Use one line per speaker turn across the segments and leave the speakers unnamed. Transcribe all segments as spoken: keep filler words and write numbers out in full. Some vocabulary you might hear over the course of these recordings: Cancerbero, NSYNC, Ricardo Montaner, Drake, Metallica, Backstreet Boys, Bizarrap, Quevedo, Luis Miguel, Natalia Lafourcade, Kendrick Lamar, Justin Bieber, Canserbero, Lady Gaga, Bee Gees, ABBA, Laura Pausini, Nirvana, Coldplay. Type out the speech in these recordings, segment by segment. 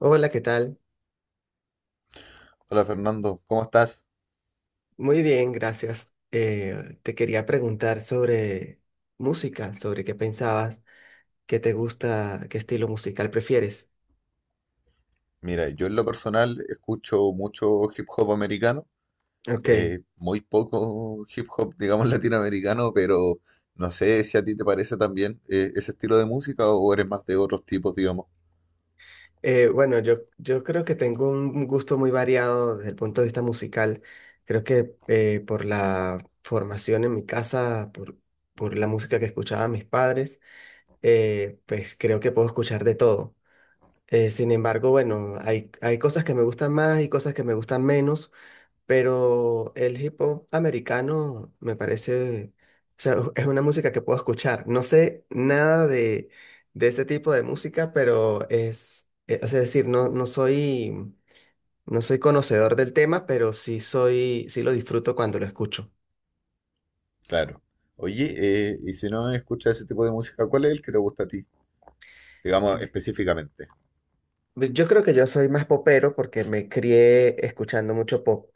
Hola, ¿qué tal?
Hola Fernando, ¿cómo estás?
Muy bien, gracias. Eh, te quería preguntar sobre música, sobre qué pensabas, qué te gusta, qué estilo musical prefieres.
Mira, yo en lo personal escucho mucho hip hop americano,
Ok,
eh, muy poco hip hop, digamos, latinoamericano, pero no sé si a ti te parece también eh, ese estilo de música o eres más de otros tipos, digamos.
eh, bueno, yo, yo creo que tengo un gusto muy variado desde el punto de vista musical. Creo que eh, por la formación en mi casa, por, por la música que escuchaban mis padres, eh, pues creo que puedo escuchar de todo. Eh, sin embargo, bueno, hay, hay cosas que me gustan más y cosas que me gustan menos, pero el hip hop americano me parece, o sea, es una música que puedo escuchar. No sé nada de, de ese tipo de música, pero es, eh, o sea, es decir, no, no soy, no soy conocedor del tema, pero sí soy, sí lo disfruto cuando lo escucho.
Claro. Oye, eh, y si no escuchas ese tipo de música, ¿cuál es el que te gusta a ti? Digamos,
Y-
específicamente.
pues, yo creo que yo soy más popero porque me crié escuchando mucho pop.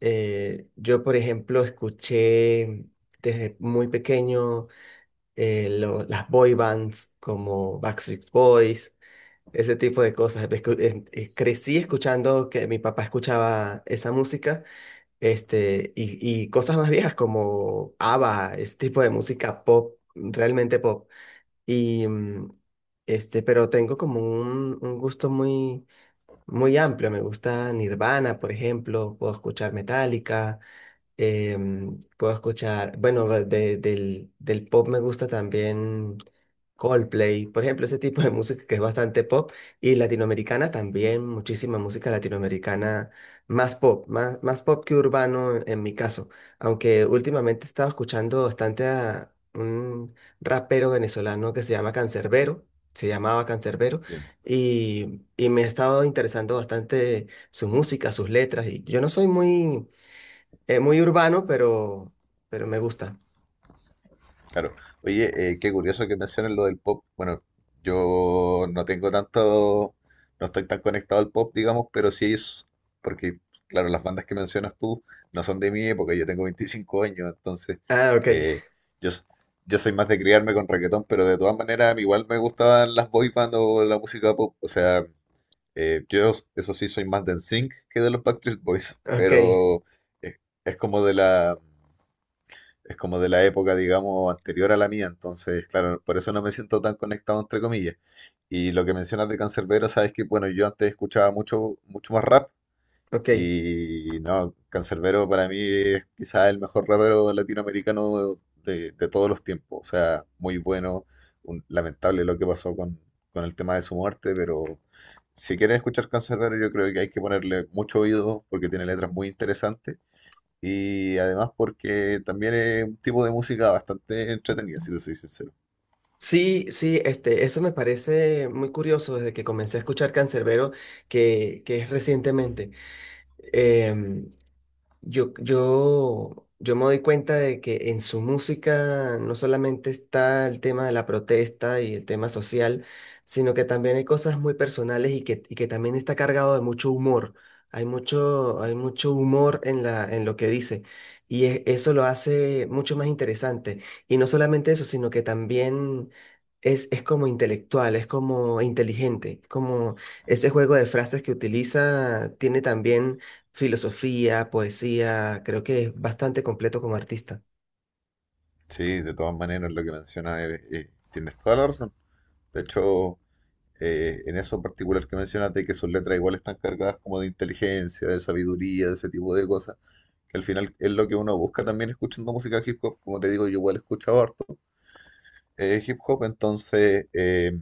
Eh, yo, por ejemplo, escuché desde muy pequeño. Eh, lo- las boy bands como Backstreet Boys, ese tipo de cosas. Escu- en- eh, crecí escuchando que mi papá escuchaba esa música, este, y, y cosas más viejas como ABBA, ese tipo de música pop, realmente pop. Y, mm, este, pero tengo como un, un gusto muy, muy amplio. Me gusta Nirvana, por ejemplo, puedo escuchar Metallica, em, puedo escuchar, bueno, de- del, del pop me gusta también Coldplay, por ejemplo, ese tipo de música que es bastante pop y latinoamericana también, muchísima música latinoamericana, más pop, más, más pop que urbano en, en mi caso, aunque últimamente he estado escuchando bastante a un rapero venezolano que se llama Cancerbero, se llamaba Cancerbero y, y me he estado interesando bastante su música, sus letras y yo no soy muy eh, muy urbano, pero, pero me gusta.
Claro. Oye, eh, qué curioso que mencionen lo del pop. Bueno, yo no tengo tanto, no estoy tan conectado al pop, digamos, pero sí es, porque, claro, las bandas que mencionas tú no son de mi época, yo tengo veinticinco años, entonces
Ah, ok,
eh, yo, s- yo soy más de criarme con reggaetón, pero de todas maneras, a mí igual me gustaban las boy band o la música pop. O sea, eh, yo, s- eso sí, soy más de NSYNC que de los Backstreet Boys,
ok,
pero eh, es como de la es como de la época, digamos, anterior a la mía, entonces, claro, por eso no me siento tan conectado, entre comillas. Y lo que mencionas de Canserbero, sabes que, bueno, yo antes escuchaba mucho, mucho más rap
ok.
y no, Canserbero para mí es quizás el mejor rapero latinoamericano de, de todos los tiempos, o sea, muy bueno, un- lamentable lo que pasó con, con el tema de su muerte, pero. Si quieren escuchar Canserbero, yo creo que hay que ponerle mucho oído porque tiene letras muy interesantes. Y además porque también es un tipo de música bastante entretenida, si te soy sincero.
Sí, sí, este, eso me parece muy curioso desde que comencé a escuchar Canserbero que, que es recientemente. Em, Yo, yo, yo me doy cuenta de que en su música no solamente está el tema de la protesta y el tema social, sino que también hay cosas muy personales y que, y que también está cargado de mucho humor. Hay mucho, hay mucho humor en la, en lo que dice y e- eso lo hace mucho más interesante. Y no solamente eso, sino que también es, es como intelectual, es como inteligente, como ese juego de frases que utiliza tiene también filosofía, poesía, creo que es bastante completo como artista.
Sí, de todas maneras lo que mencionas eh, eh, tienes toda la razón. De hecho, eh, en eso en particular que mencionas de que sus letras igual están cargadas como de inteligencia, de sabiduría, de ese tipo de cosas, que al final es lo que uno busca también escuchando música hip hop. Como te digo, yo igual he escuchado harto eh, hip hop, entonces, eh,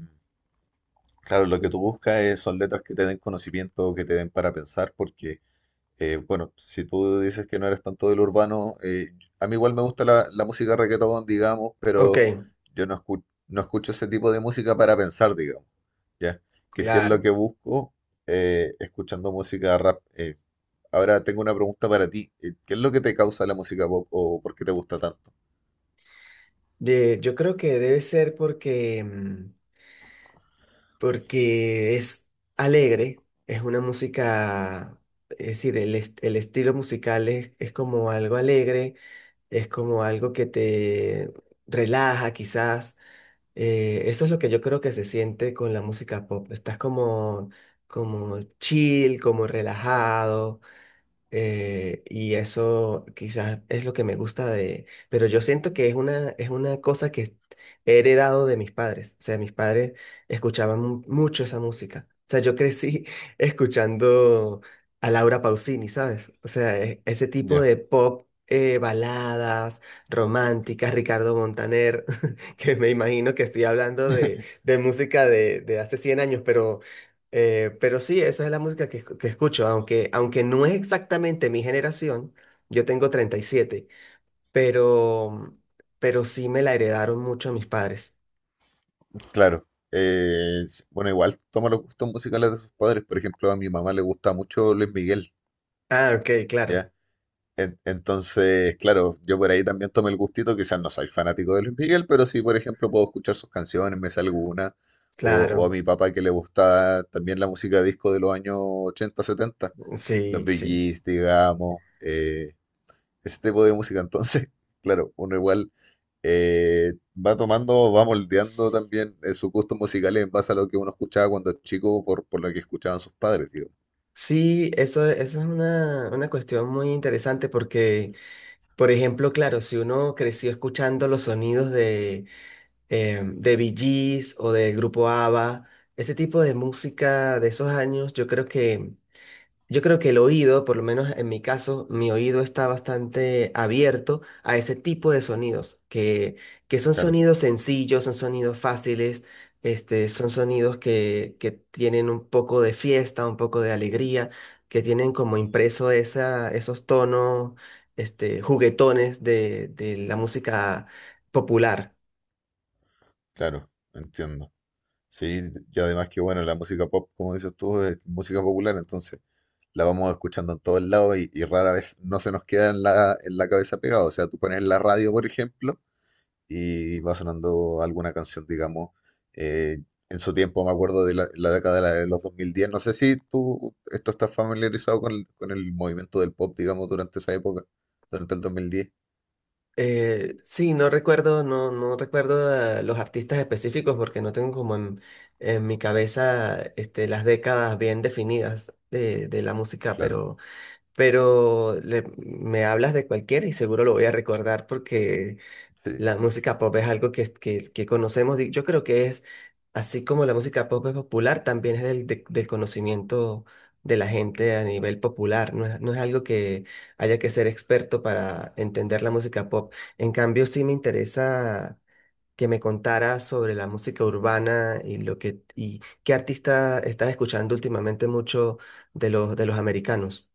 claro, lo que tú buscas es- son letras que te den conocimiento, que te den para pensar, porque. Eh, bueno, si tú dices que no eres tanto del urbano, eh, a mí igual me gusta la, la música reggaetón, digamos,
Ok,
pero yo no escu- no escucho ese tipo de música para pensar, digamos, ¿ya? Que si es lo
claro.
que busco, eh, escuchando música rap. Eh, ahora tengo una pregunta para ti. eh, ¿Qué es lo que te causa la música pop o por qué te gusta tanto?
Eh, yo creo que debe ser porque, mm, porque es alegre, es una música, es decir, el, est- el estilo musical es, es como algo alegre, es como algo que te relaja quizás. Eh, eso es lo que yo creo que se siente con la música pop. Estás como, como chill, como relajado. Eh, y eso quizás es lo que me gusta de, pero yo siento que es una, es una cosa que he heredado de mis padres. O sea, mis padres escuchaban mu- mucho esa música. O sea, yo crecí escuchando a Laura Pausini, ¿sabes? O sea, e- ese tipo
Ya,
de pop, eh, baladas románticas, Ricardo Montaner, que me imagino que estoy hablando de, de música de, de hace cien años, pero eh, pero sí, esa es la música que, escu- que escucho, aunque, aunque no es exactamente mi generación, yo tengo treinta y siete, pero, pero sí me la heredaron mucho mis padres.
claro. Eh, s- bueno, igual toma los gustos musicales de sus padres. Por ejemplo, a mi mamá le gusta mucho Luis Miguel,
Ah, ok, claro,
¿ya? En- Entonces, claro, yo por ahí también tomé el gustito, quizás no soy fanático de Luis Miguel, pero sí, por ejemplo, puedo escuchar sus canciones, me sé alguna, o, o a
claro,
mi papá que le gusta también la música disco de los años ochenta, setenta, los
sí,
Bee
sí.
Gees, digamos, eh, ese tipo de música. Entonces, claro, uno igual eh, va tomando, va moldeando también eh, sus gustos musicales en base a lo que uno escuchaba cuando chico, por, por lo que escuchaban sus padres, digo.
Sí, eso, eso es una, una cuestión muy interesante porque, por ejemplo, claro, si uno creció escuchando los sonidos de, eh, de Bee Gees o del grupo ABBA, ese tipo de música de esos años, yo creo que yo creo que el oído, por lo menos en mi caso, mi oído está bastante abierto a ese tipo de sonidos, que, que son
Claro,
sonidos sencillos, son sonidos fáciles, este, son sonidos que, que tienen un poco de fiesta, un poco de alegría, que tienen como impreso esa, esos tonos, este, juguetones de, de la música popular.
claro, entiendo. Sí, y además que bueno, la música pop, como dices tú, es música popular, entonces la vamos escuchando en todos lados y, y rara vez no se nos queda en la, en la cabeza pegada. O sea, tú pones la radio, por ejemplo, y va sonando alguna canción, digamos, eh, en su tiempo, me acuerdo de la, la década de la- de los dos mil diez, no sé si tú esto estás familiarizado con, el- con el movimiento del pop, digamos, durante esa época, durante el dos mil diez,
Eh, sí, no recuerdo, no, no recuerdo eh, los artistas específicos porque no tengo como en, en mi cabeza este, las décadas bien definidas de, de la música,
claro,
pero, pero le- me hablas de cualquiera y seguro lo voy a recordar porque
sí.
la música pop es algo que, que, que conocemos, di- yo creo que es, así como la música pop es popular, también es del, de- del conocimiento de la gente a nivel popular, no es, no es algo que haya que ser experto para entender la música pop. En cambio, sí me interesa que me contara sobre la música urbana y lo que, y qué artista estás escuchando últimamente mucho de los, de los americanos.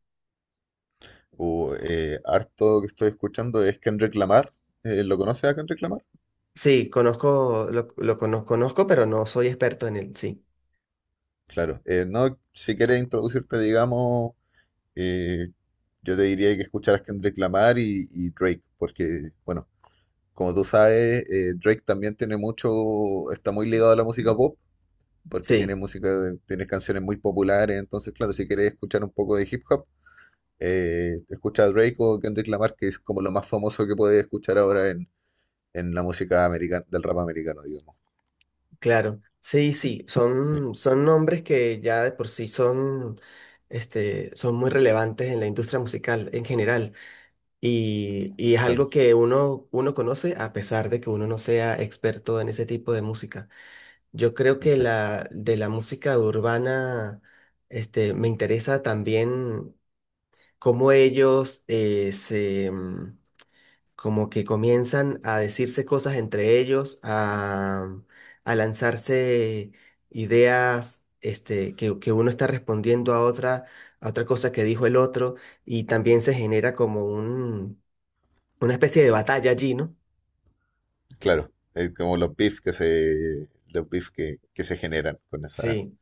O, eh, harto que estoy escuchando es Kendrick Lamar, eh, ¿lo conoces a Kendrick Lamar?
Sí, conozco, lo, lo conozco, conozco, pero no soy experto en él, sí,
Claro, eh, no, si quieres introducirte, digamos, eh, yo te diría que escucharas Kendrick Lamar y, y Drake, porque, bueno, como tú sabes, eh, Drake también tiene mucho, está muy ligado a la música pop, porque tiene
sí.
música, de- tiene canciones muy populares, entonces, claro, si quieres escuchar un poco de hip hop, eh, escucha a Drake o Kendrick Lamar, que es como lo más famoso que puedes escuchar ahora en, en la música americana, del rap americano, digamos.
Claro, sí, sí,
Sí,
son, son nombres que ya de por sí son, este, son muy relevantes en la industria musical en general y, y es
claro,
algo que uno, uno conoce a pesar de que uno no sea experto en ese tipo de música. Yo creo que
de hecho.
la, de la música urbana, este, me interesa también cómo ellos eh, se como que comienzan a decirse cosas entre ellos, a, a lanzarse ideas, este, que, que uno está respondiendo a otra, a otra cosa que dijo el otro, y también se genera como un, una especie de batalla allí, ¿no?
Claro, es como los beef que se, los beef que, que se generan con esa,
Sí,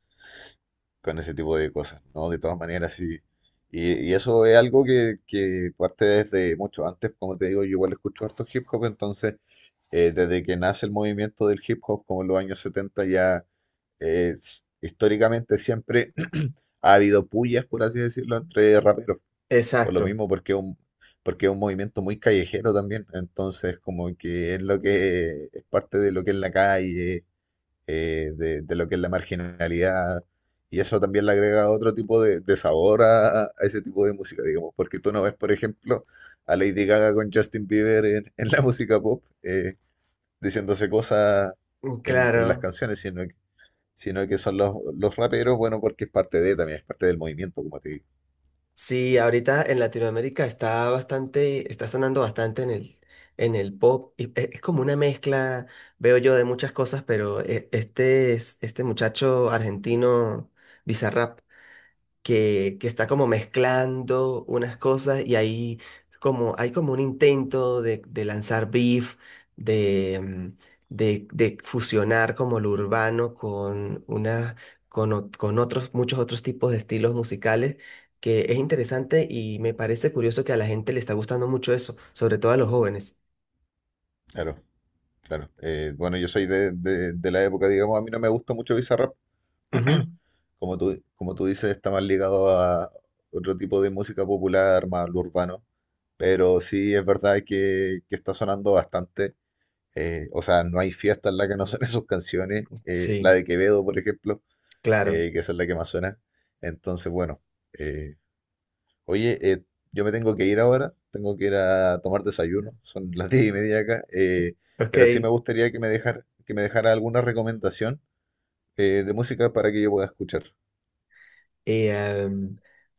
con ese tipo de cosas, ¿no? De todas maneras, sí. Y, y eso es algo que, que parte desde mucho antes, como te digo, yo igual escucho harto hip hop, entonces eh, desde que nace el movimiento del hip hop, como en los años setenta ya eh, s- históricamente siempre ha habido pullas, por así decirlo, entre raperos. Por lo
exacto.
mismo, porque es un, porque es un movimiento muy callejero también. Entonces, como que es lo que es parte de lo que es la calle, eh, de, de lo que es la marginalidad. Y eso también le agrega otro tipo de, de sabor a, a ese tipo de música, digamos. Porque tú no ves, por ejemplo, a Lady Gaga con Justin Bieber en, en la música pop, eh, diciéndose cosas en, en las
Claro.
canciones, sino que, sino que son los, los raperos, bueno, porque es parte de, también es parte del movimiento, como te digo.
Sí,
Sí,
ahorita en Latinoamérica está bastante, está sonando bastante en el, en el pop. Y e- es como una mezcla, veo yo, de muchas cosas, pero e- este es, este muchacho argentino, Bizarrap, que, que está como mezclando unas cosas y ahí como, hay como un intento de, de lanzar beef, de, mm, de, de fusionar como lo urbano con, una, con, ot- con otros, muchos otros tipos de estilos musicales, que es interesante y me parece curioso que a la gente le está gustando mucho eso, sobre todo a los jóvenes.
claro. Claro, eh, bueno, yo soy de, de- de la época, digamos, a mí no me gusta mucho Bizarrap,
Ujú.
como tú, como tú dices, está más ligado a otro tipo de música popular, más lo urbano, pero sí es verdad que, que está sonando bastante, eh, o sea, no hay fiesta en la que no suenen sus canciones, eh, la
Sí,
de Quevedo, por ejemplo,
claro.
eh, que esa es la que más suena, entonces, bueno, eh, oye, eh, yo me tengo que ir ahora, tengo que ir a tomar desayuno, son las diez y media acá, eh,
Ok.
pero sí me gustaría que me dejara, que me dejara alguna recomendación eh, de música para que yo pueda escuchar.
Y em,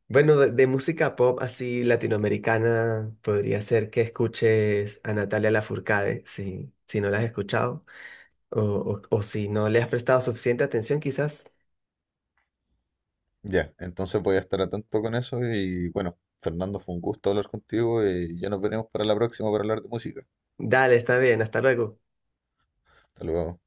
bueno, de, de música pop así latinoamericana, podría ser que escuches a Natalia Lafourcade, si, si no la has escuchado, o, o o si no le has prestado suficiente atención, quizás.
Ya, entonces voy a estar atento con eso y bueno, Fernando, fue un gusto hablar contigo y ya nos veremos para la próxima para hablar de música.
Dale, está bien, hasta luego.
Hasta luego.